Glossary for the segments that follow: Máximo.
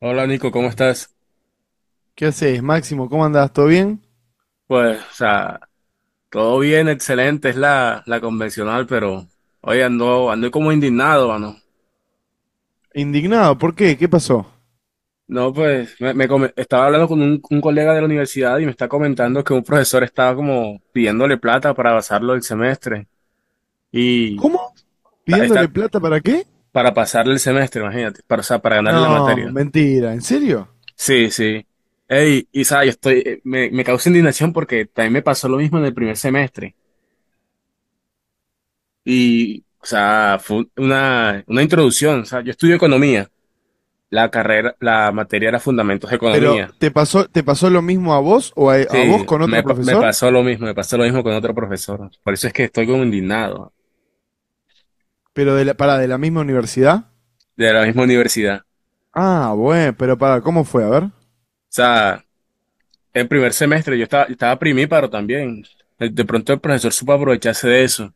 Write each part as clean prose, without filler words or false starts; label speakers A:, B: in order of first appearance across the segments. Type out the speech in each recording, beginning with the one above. A: Hola Nico, ¿cómo estás?
B: ¿Qué haces, Máximo? ¿Cómo andás? ¿Todo bien?
A: Pues, o sea, todo bien, excelente, es la convencional, pero hoy ando como indignado, mano.
B: Indignado, ¿por qué? ¿Qué pasó?
A: No, pues, estaba hablando con un colega de la universidad y me está comentando que un profesor estaba como pidiéndole plata para pasarlo el semestre y
B: ¿Cómo?
A: está
B: ¿Pidiéndole plata para qué?
A: para pasarle el semestre, imagínate, para, o sea, para ganarle la
B: No,
A: materia.
B: mentira, ¿en serio?
A: Sí, sí. Ey, y sabes, yo estoy, me causa indignación porque también me pasó lo mismo en el primer semestre. Y, o sea, fue una introducción. O sea, yo estudio economía. La carrera, la materia era fundamentos de
B: Pero
A: economía.
B: te pasó lo mismo a vos o a vos
A: Sí,
B: con otro
A: me
B: profesor?
A: pasó lo mismo, me pasó lo mismo con otro profesor. Por eso es que estoy como indignado
B: Pero para de la misma universidad.
A: de la misma universidad. O
B: Ah, bueno, pero para, ¿cómo fue? A ver.
A: sea, el primer semestre yo estaba primíparo también. De pronto el profesor supo aprovecharse de eso.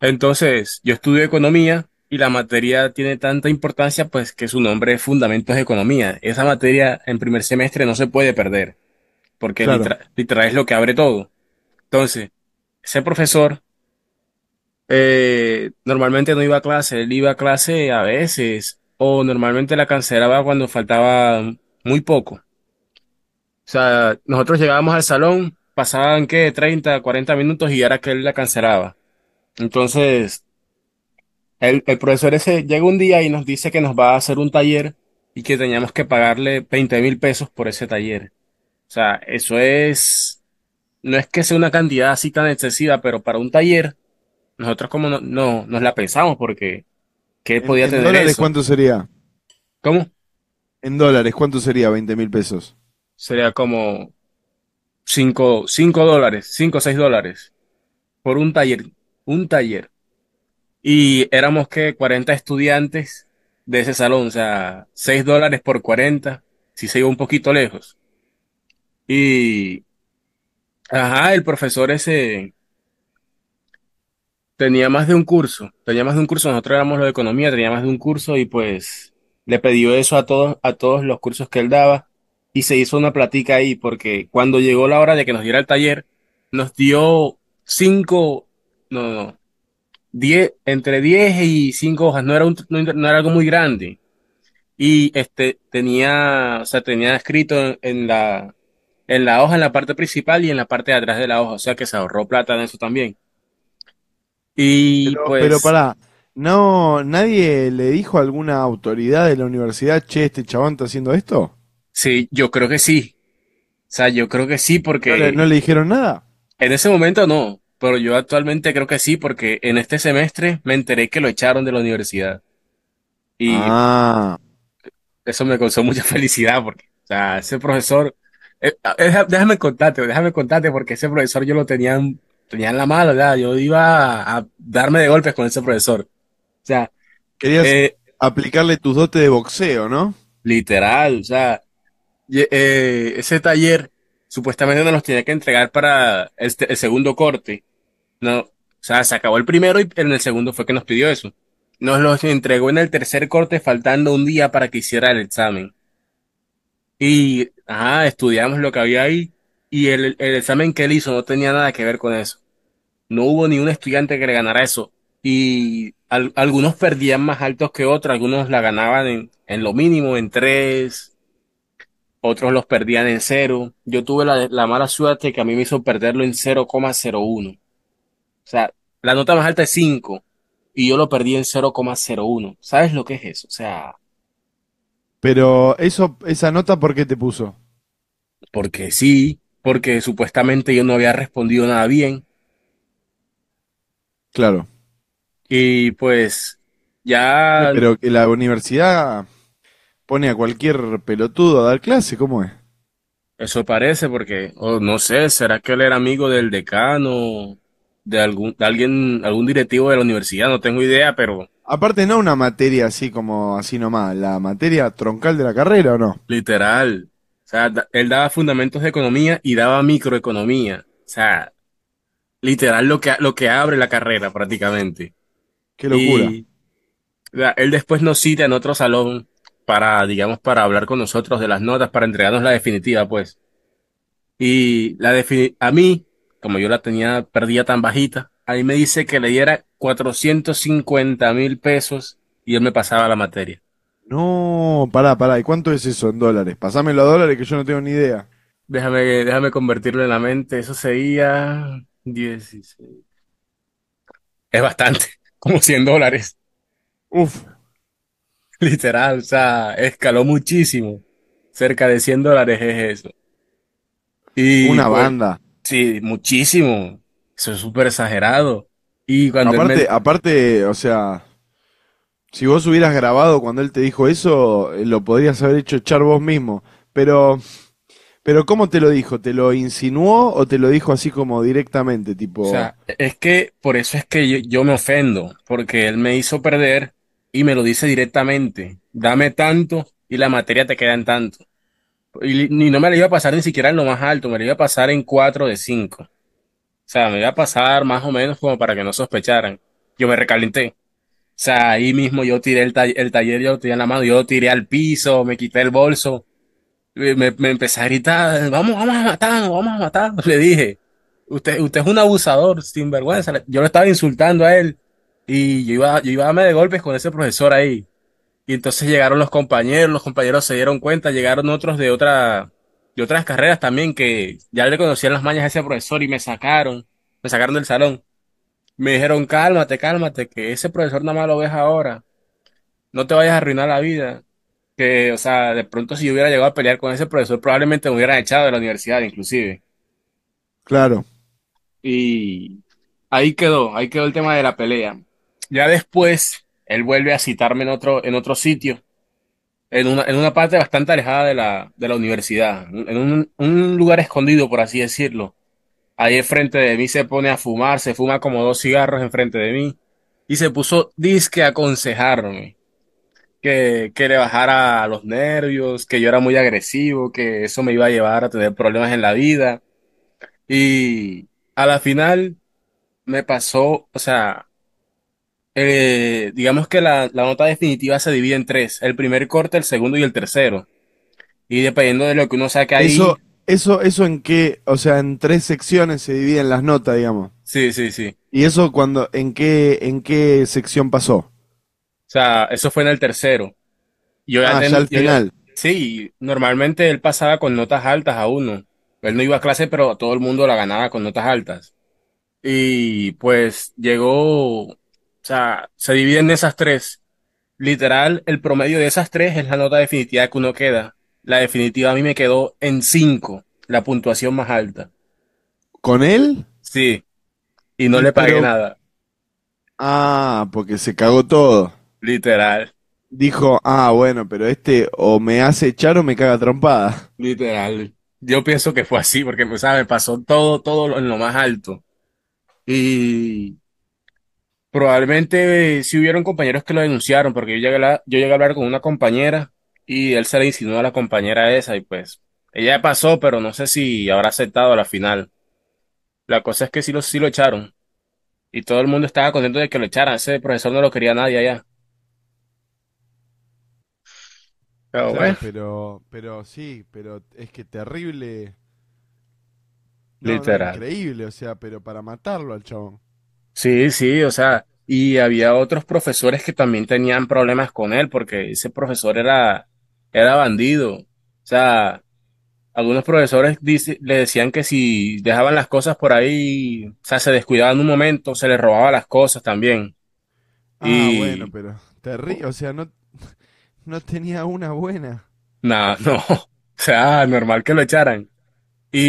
A: Entonces, yo estudio economía y la materia tiene tanta importancia, pues que su nombre es Fundamentos de Economía. Esa materia en primer semestre no se puede perder, porque
B: Claro.
A: literal, literal es lo que abre todo. Entonces, ese profesor, normalmente no iba a clase, él iba a clase a veces, o normalmente la cancelaba cuando faltaba muy poco. O sea, nosotros llegábamos al salón, pasaban que 30 40 minutos y era que él la cancelaba. Entonces, el profesor ese llega un día y nos dice que nos va a hacer un taller y que teníamos que pagarle 20.000 pesos por ese taller. O sea, eso es, no es que sea una cantidad así tan excesiva, pero para un taller, nosotros como no, no nos la pensamos, porque ¿qué
B: En,
A: podía
B: en
A: tener
B: dólares
A: eso?
B: ¿cuánto sería?
A: ¿Cómo?
B: En dólares, ¿cuánto sería 20.000 pesos?
A: Sería como dólares, 5 o 6 dólares por un taller, un taller. Y éramos que 40 estudiantes de ese salón, o sea, 6 dólares por 40, si se iba un poquito lejos. Y, ajá, el profesor ese tenía más de un curso, tenía más de un curso, nosotros éramos lo de economía, tenía más de un curso y pues le pidió eso a todos los cursos que él daba y se hizo una platica ahí porque cuando llegó la hora de que nos diera el taller, nos dio cinco, no, no, no, 10, entre diez y cinco hojas, no era un, no, era, no era algo muy grande y este tenía, o sea, tenía escrito en, en la hoja, en la parte principal y en la parte de atrás de la hoja, o sea que se ahorró plata en eso también. Y
B: Pero, pero
A: pues
B: para, no, nadie le dijo a alguna autoridad de la universidad, che, este chabón está haciendo esto.
A: sí, yo creo que sí. O sea, yo creo que sí
B: ¿Y
A: porque
B: no le dijeron nada?
A: en ese momento no, pero yo actualmente creo que sí porque en este semestre me enteré que lo echaron de la universidad y
B: Ah,
A: eso me causó mucha felicidad porque, o sea, ese profesor, déjame contarte porque ese profesor yo lo tenía, tenía en la mala, ¿verdad? Yo iba a darme de golpes con ese profesor. O sea,
B: querías
A: eh,
B: aplicarle tus dotes de boxeo, ¿no?
A: literal, o sea, y- ese taller supuestamente nos los tenía que entregar para el segundo corte. No, o sea, se acabó el primero y en el segundo fue que nos pidió eso. Nos los entregó en el tercer corte faltando un día para que hiciera el examen. Y, ajá, estudiamos lo que había ahí y el examen que él hizo no tenía nada que ver con eso. No hubo ni un estudiante que le ganara eso. Y algunos perdían más altos que otros, algunos la ganaban en lo mínimo, en tres, otros los perdían en cero. Yo tuve la mala suerte que a mí me hizo perderlo en cero cero coma cero uno. O sea, la nota más alta es 5 y yo lo perdí en cero cero coma cero uno. ¿Sabes lo que es eso? O sea,
B: Pero eso, esa nota, ¿por qué te puso?
A: porque sí, porque supuestamente yo no había respondido nada bien
B: Claro.
A: y pues
B: ¿Qué,
A: ya
B: pero que la universidad pone a cualquier pelotudo a dar clase? ¿Cómo es?
A: eso parece porque, o no sé, ¿será que él era amigo del decano, de algún, de alguien, algún directivo de la universidad? No tengo idea, pero
B: Aparte, no una materia así como así nomás, la materia troncal de la carrera, ¿o no?
A: literal. O sea, él daba fundamentos de economía y daba microeconomía. O sea, literal lo que abre la carrera prácticamente.
B: Qué locura.
A: Y él después nos cita en otro salón para, digamos, para hablar con nosotros de las notas, para entregarnos la definitiva, pues. Y a mí, como yo la tenía perdida tan bajita, a mí me dice que le diera 450.000 pesos y él me pasaba la materia.
B: No, pará, pará, ¿y cuánto es eso en dólares? Pasámelo a dólares que yo no tengo ni idea.
A: Déjame convertirlo en la mente, eso sería 16. Es bastante, como 100 dólares,
B: Uf,
A: literal, o sea, escaló muchísimo. Cerca de 100 dólares es eso. Y
B: una
A: pues,
B: banda.
A: sí, muchísimo. Eso es súper exagerado. Y cuando él me...
B: Aparte,
A: di-
B: aparte, o sea, si vos hubieras grabado cuando él te dijo eso, lo podrías haber hecho echar vos mismo. Pero, pero ¿cómo te lo dijo? ¿Te lo insinuó o te lo dijo así como directamente?
A: O
B: Tipo,
A: sea, es que por eso es que yo me ofendo, porque él me hizo perder y me lo dice directamente. Dame tanto y la materia te queda en tanto. Y, ni no me la iba a pasar ni siquiera en lo más alto, me la iba a pasar en 4 de cinco. O sea, me iba a pasar más o menos como para que no sospecharan. Yo me recalenté. O sea, ahí mismo yo tiré el taller, yo lo tiré en la mano, yo lo tiré al piso, me quité el bolso. Me empecé a gritar, vamos, vamos a matarnos, vamos a matarnos. Le dije, usted es un abusador, sinvergüenza. Yo lo estaba insultando a él y yo iba a darme de golpes con ese profesor ahí. Y entonces llegaron los compañeros se dieron cuenta, llegaron otros de otras carreras también que ya le conocían las mañas a ese profesor y me sacaron del salón. Me dijeron, cálmate, cálmate, que ese profesor nada más lo ves ahora, no te vayas a arruinar la vida, que, o sea, de pronto si yo hubiera llegado a pelear con ese profesor, probablemente me hubieran echado de la universidad, inclusive.
B: claro.
A: Y ahí quedó el tema de la pelea. Ya después, él vuelve a citarme en otro sitio, en una parte bastante alejada de de la universidad, en un lugar escondido, por así decirlo. Ahí enfrente de mí se pone a fumar, se fuma como dos cigarros enfrente de mí y se puso disque a aconsejarme, que le bajara a los nervios, que yo era muy agresivo, que eso me iba a llevar a tener problemas en la vida. Y a la final me pasó, o sea, digamos que la nota definitiva se divide en tres, el primer corte, el segundo y el tercero. Y dependiendo de lo que uno saque
B: Eso,
A: ahí,
B: eso en qué, o sea, en tres secciones se dividen las notas, digamos.
A: sí, sí, sí.
B: Y eso cuando, en qué sección pasó?
A: O sea, eso fue en el tercero. Yo ya
B: Ah, ya
A: tenía,
B: al
A: yo ya,
B: final.
A: sí, normalmente él pasaba con notas altas a uno. Él no iba a clase, pero todo el mundo la ganaba con notas altas. Y pues llegó, o sea, se dividen esas tres. Literal, el promedio de esas tres es la nota definitiva que uno queda. La definitiva a mí me quedó en cinco, la puntuación más alta.
B: ¿Con él?
A: Sí, y no
B: Y
A: le pagué
B: pero,
A: nada.
B: ah, porque se cagó todo.
A: Literal,
B: Dijo, ah, bueno, pero este o me hace echar o me caga trompada.
A: literal. Yo pienso que fue así, porque, o sea, me pasó todo, en lo más alto. Y probablemente, sí hubieron compañeros que lo denunciaron, porque yo llegué a hablar con una compañera y él se le insinuó a la compañera esa y pues ella pasó, pero no sé si habrá aceptado a la final. La cosa es que sí lo echaron y todo el mundo estaba contento de que lo echaran. Ese profesor no lo quería nadie allá. Pero bueno,
B: Claro, pero sí, pero es que terrible. No, no,
A: literal.
B: increíble, o sea, pero para matarlo al chabón.
A: Sí, sí, o sea, y había otros profesores que también tenían problemas con él porque ese profesor era bandido. O sea, algunos profesores le decían que si dejaban las cosas por ahí, o sea, se descuidaban un momento, se les robaba las cosas también.
B: Ah, bueno,
A: Y
B: pero terrible, o sea, no, no tenía una buena.
A: nada, no, o sea, normal que lo echaran.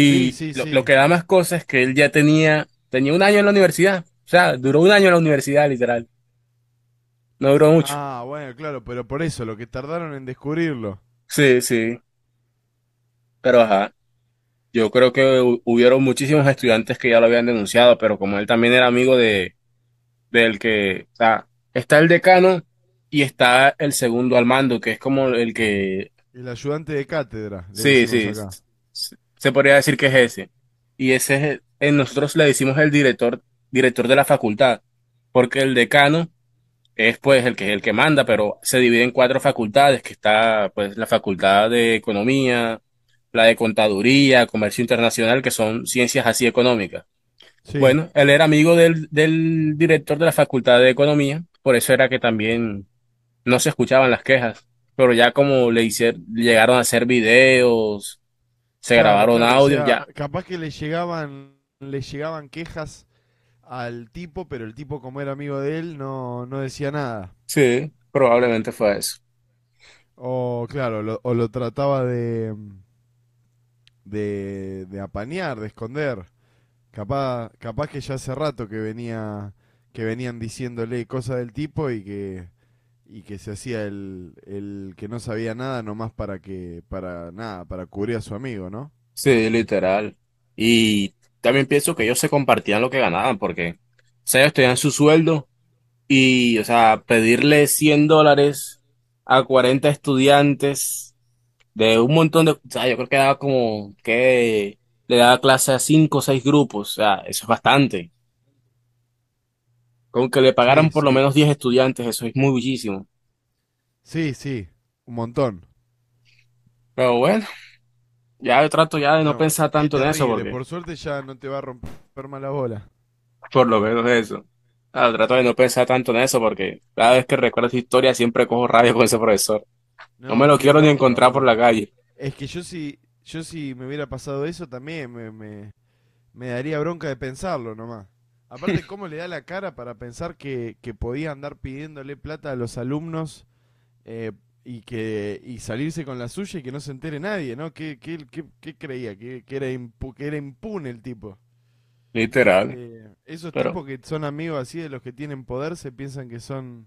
B: Sí, sí,
A: lo
B: sí.
A: que da más cosas es que él ya tenía un año en la universidad, o sea, duró un año en la universidad, literal, no duró mucho.
B: Ah, bueno, claro, pero por eso, lo que tardaron en descubrirlo.
A: Sí, sí, pero ajá, yo creo que hubieron muchísimos estudiantes que ya lo habían denunciado, pero como él también era amigo de del que, o sea, está el decano y está el segundo al mando, que es como el que,
B: El ayudante de cátedra, le
A: sí,
B: decimos
A: sí,
B: acá.
A: se podría decir que es ese. Y ese es, nosotros le decimos el director, director de la facultad, porque el decano es pues el que manda, pero se divide en cuatro facultades, que está pues la facultad de economía, la de contaduría, comercio internacional, que son ciencias así económicas.
B: Sí,
A: Bueno, él era amigo del director de la Facultad de Economía, por eso era que también no se escuchaban las quejas, pero ya como le hicieron, llegaron a hacer videos, se
B: claro,
A: grabaron
B: claro, o
A: audios,
B: sea,
A: ya.
B: capaz que le llegaban quejas al tipo, pero el tipo como era amigo de él no, no decía nada.
A: Sí, probablemente fue eso.
B: O claro, lo- o lo trataba de, de apañar, de esconder. Capaz, capaz que ya hace rato que venía, que venían diciéndole cosas del tipo y que se hacía el que no sabía nada nomás para que, para nada, para cubrir a su amigo, ¿no?
A: Sí, literal. Y también pienso que ellos se compartían lo que ganaban, porque, o sea, ellos tenían su sueldo y, o sea, pedirle 100 dólares a 40 estudiantes, de un montón de, o sea, yo creo que daba, como que le daba clase a cinco o seis grupos, o sea, eso es bastante. Con que le
B: Sí,
A: pagaran por lo
B: sí,
A: menos 10 estudiantes, eso es muy muchísimo.
B: sí, sí, un montón.
A: Pero bueno, ya yo trato ya de no
B: No,
A: pensar
B: qué
A: tanto en eso
B: terrible,
A: porque,
B: por suerte ya no te va a romper más la bola.
A: por lo menos eso. Ah, trato de no pensar tanto en eso porque cada vez que recuerdo esa historia siempre cojo rabia con ese profesor. No me
B: No,
A: lo
B: qué
A: quiero ni
B: bronca,
A: encontrar por la
B: boludo.
A: calle,
B: Es que yo si, yo si me hubiera pasado eso también me daría bronca de pensarlo nomás. Aparte, ¿cómo le da la cara para pensar que podía andar pidiéndole plata a los alumnos eh, y que y salirse con la suya y que no se entere nadie, ¿no? ¿Qué, qué, qué- qué creía? Que era impu- que era impune el tipo?
A: literal.
B: Esos
A: Pero,
B: tipos que son amigos así de los que tienen poder se piensan que son,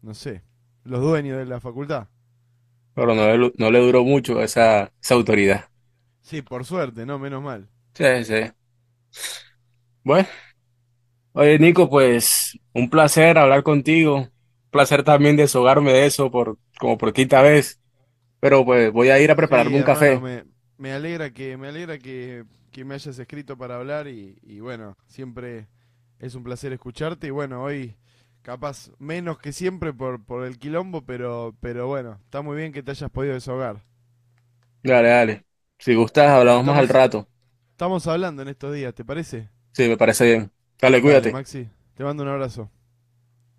B: no sé, los dueños de la facultad.
A: pero no, no le duró mucho esa, esa autoridad.
B: Sí, por suerte, ¿no? Menos mal.
A: Sí, sí. Bueno. Oye, Nico, pues un placer hablar contigo, placer también desahogarme de eso por, como por quinta vez, pero pues voy a ir a
B: Sí,
A: prepararme un
B: hermano,
A: café.
B: me, me alegra que me hayas escrito para hablar y bueno, siempre es un placer escucharte y bueno, hoy capaz menos que siempre por el quilombo, pero bueno, está muy bien que te hayas podido desahogar.
A: Dale, dale. Si gustas,
B: Bueno,
A: hablamos más al
B: estamos,
A: rato.
B: estamos hablando en estos días, ¿te parece?
A: Sí, me parece bien. Dale,
B: Dale,
A: cuídate.
B: Maxi, te mando un abrazo.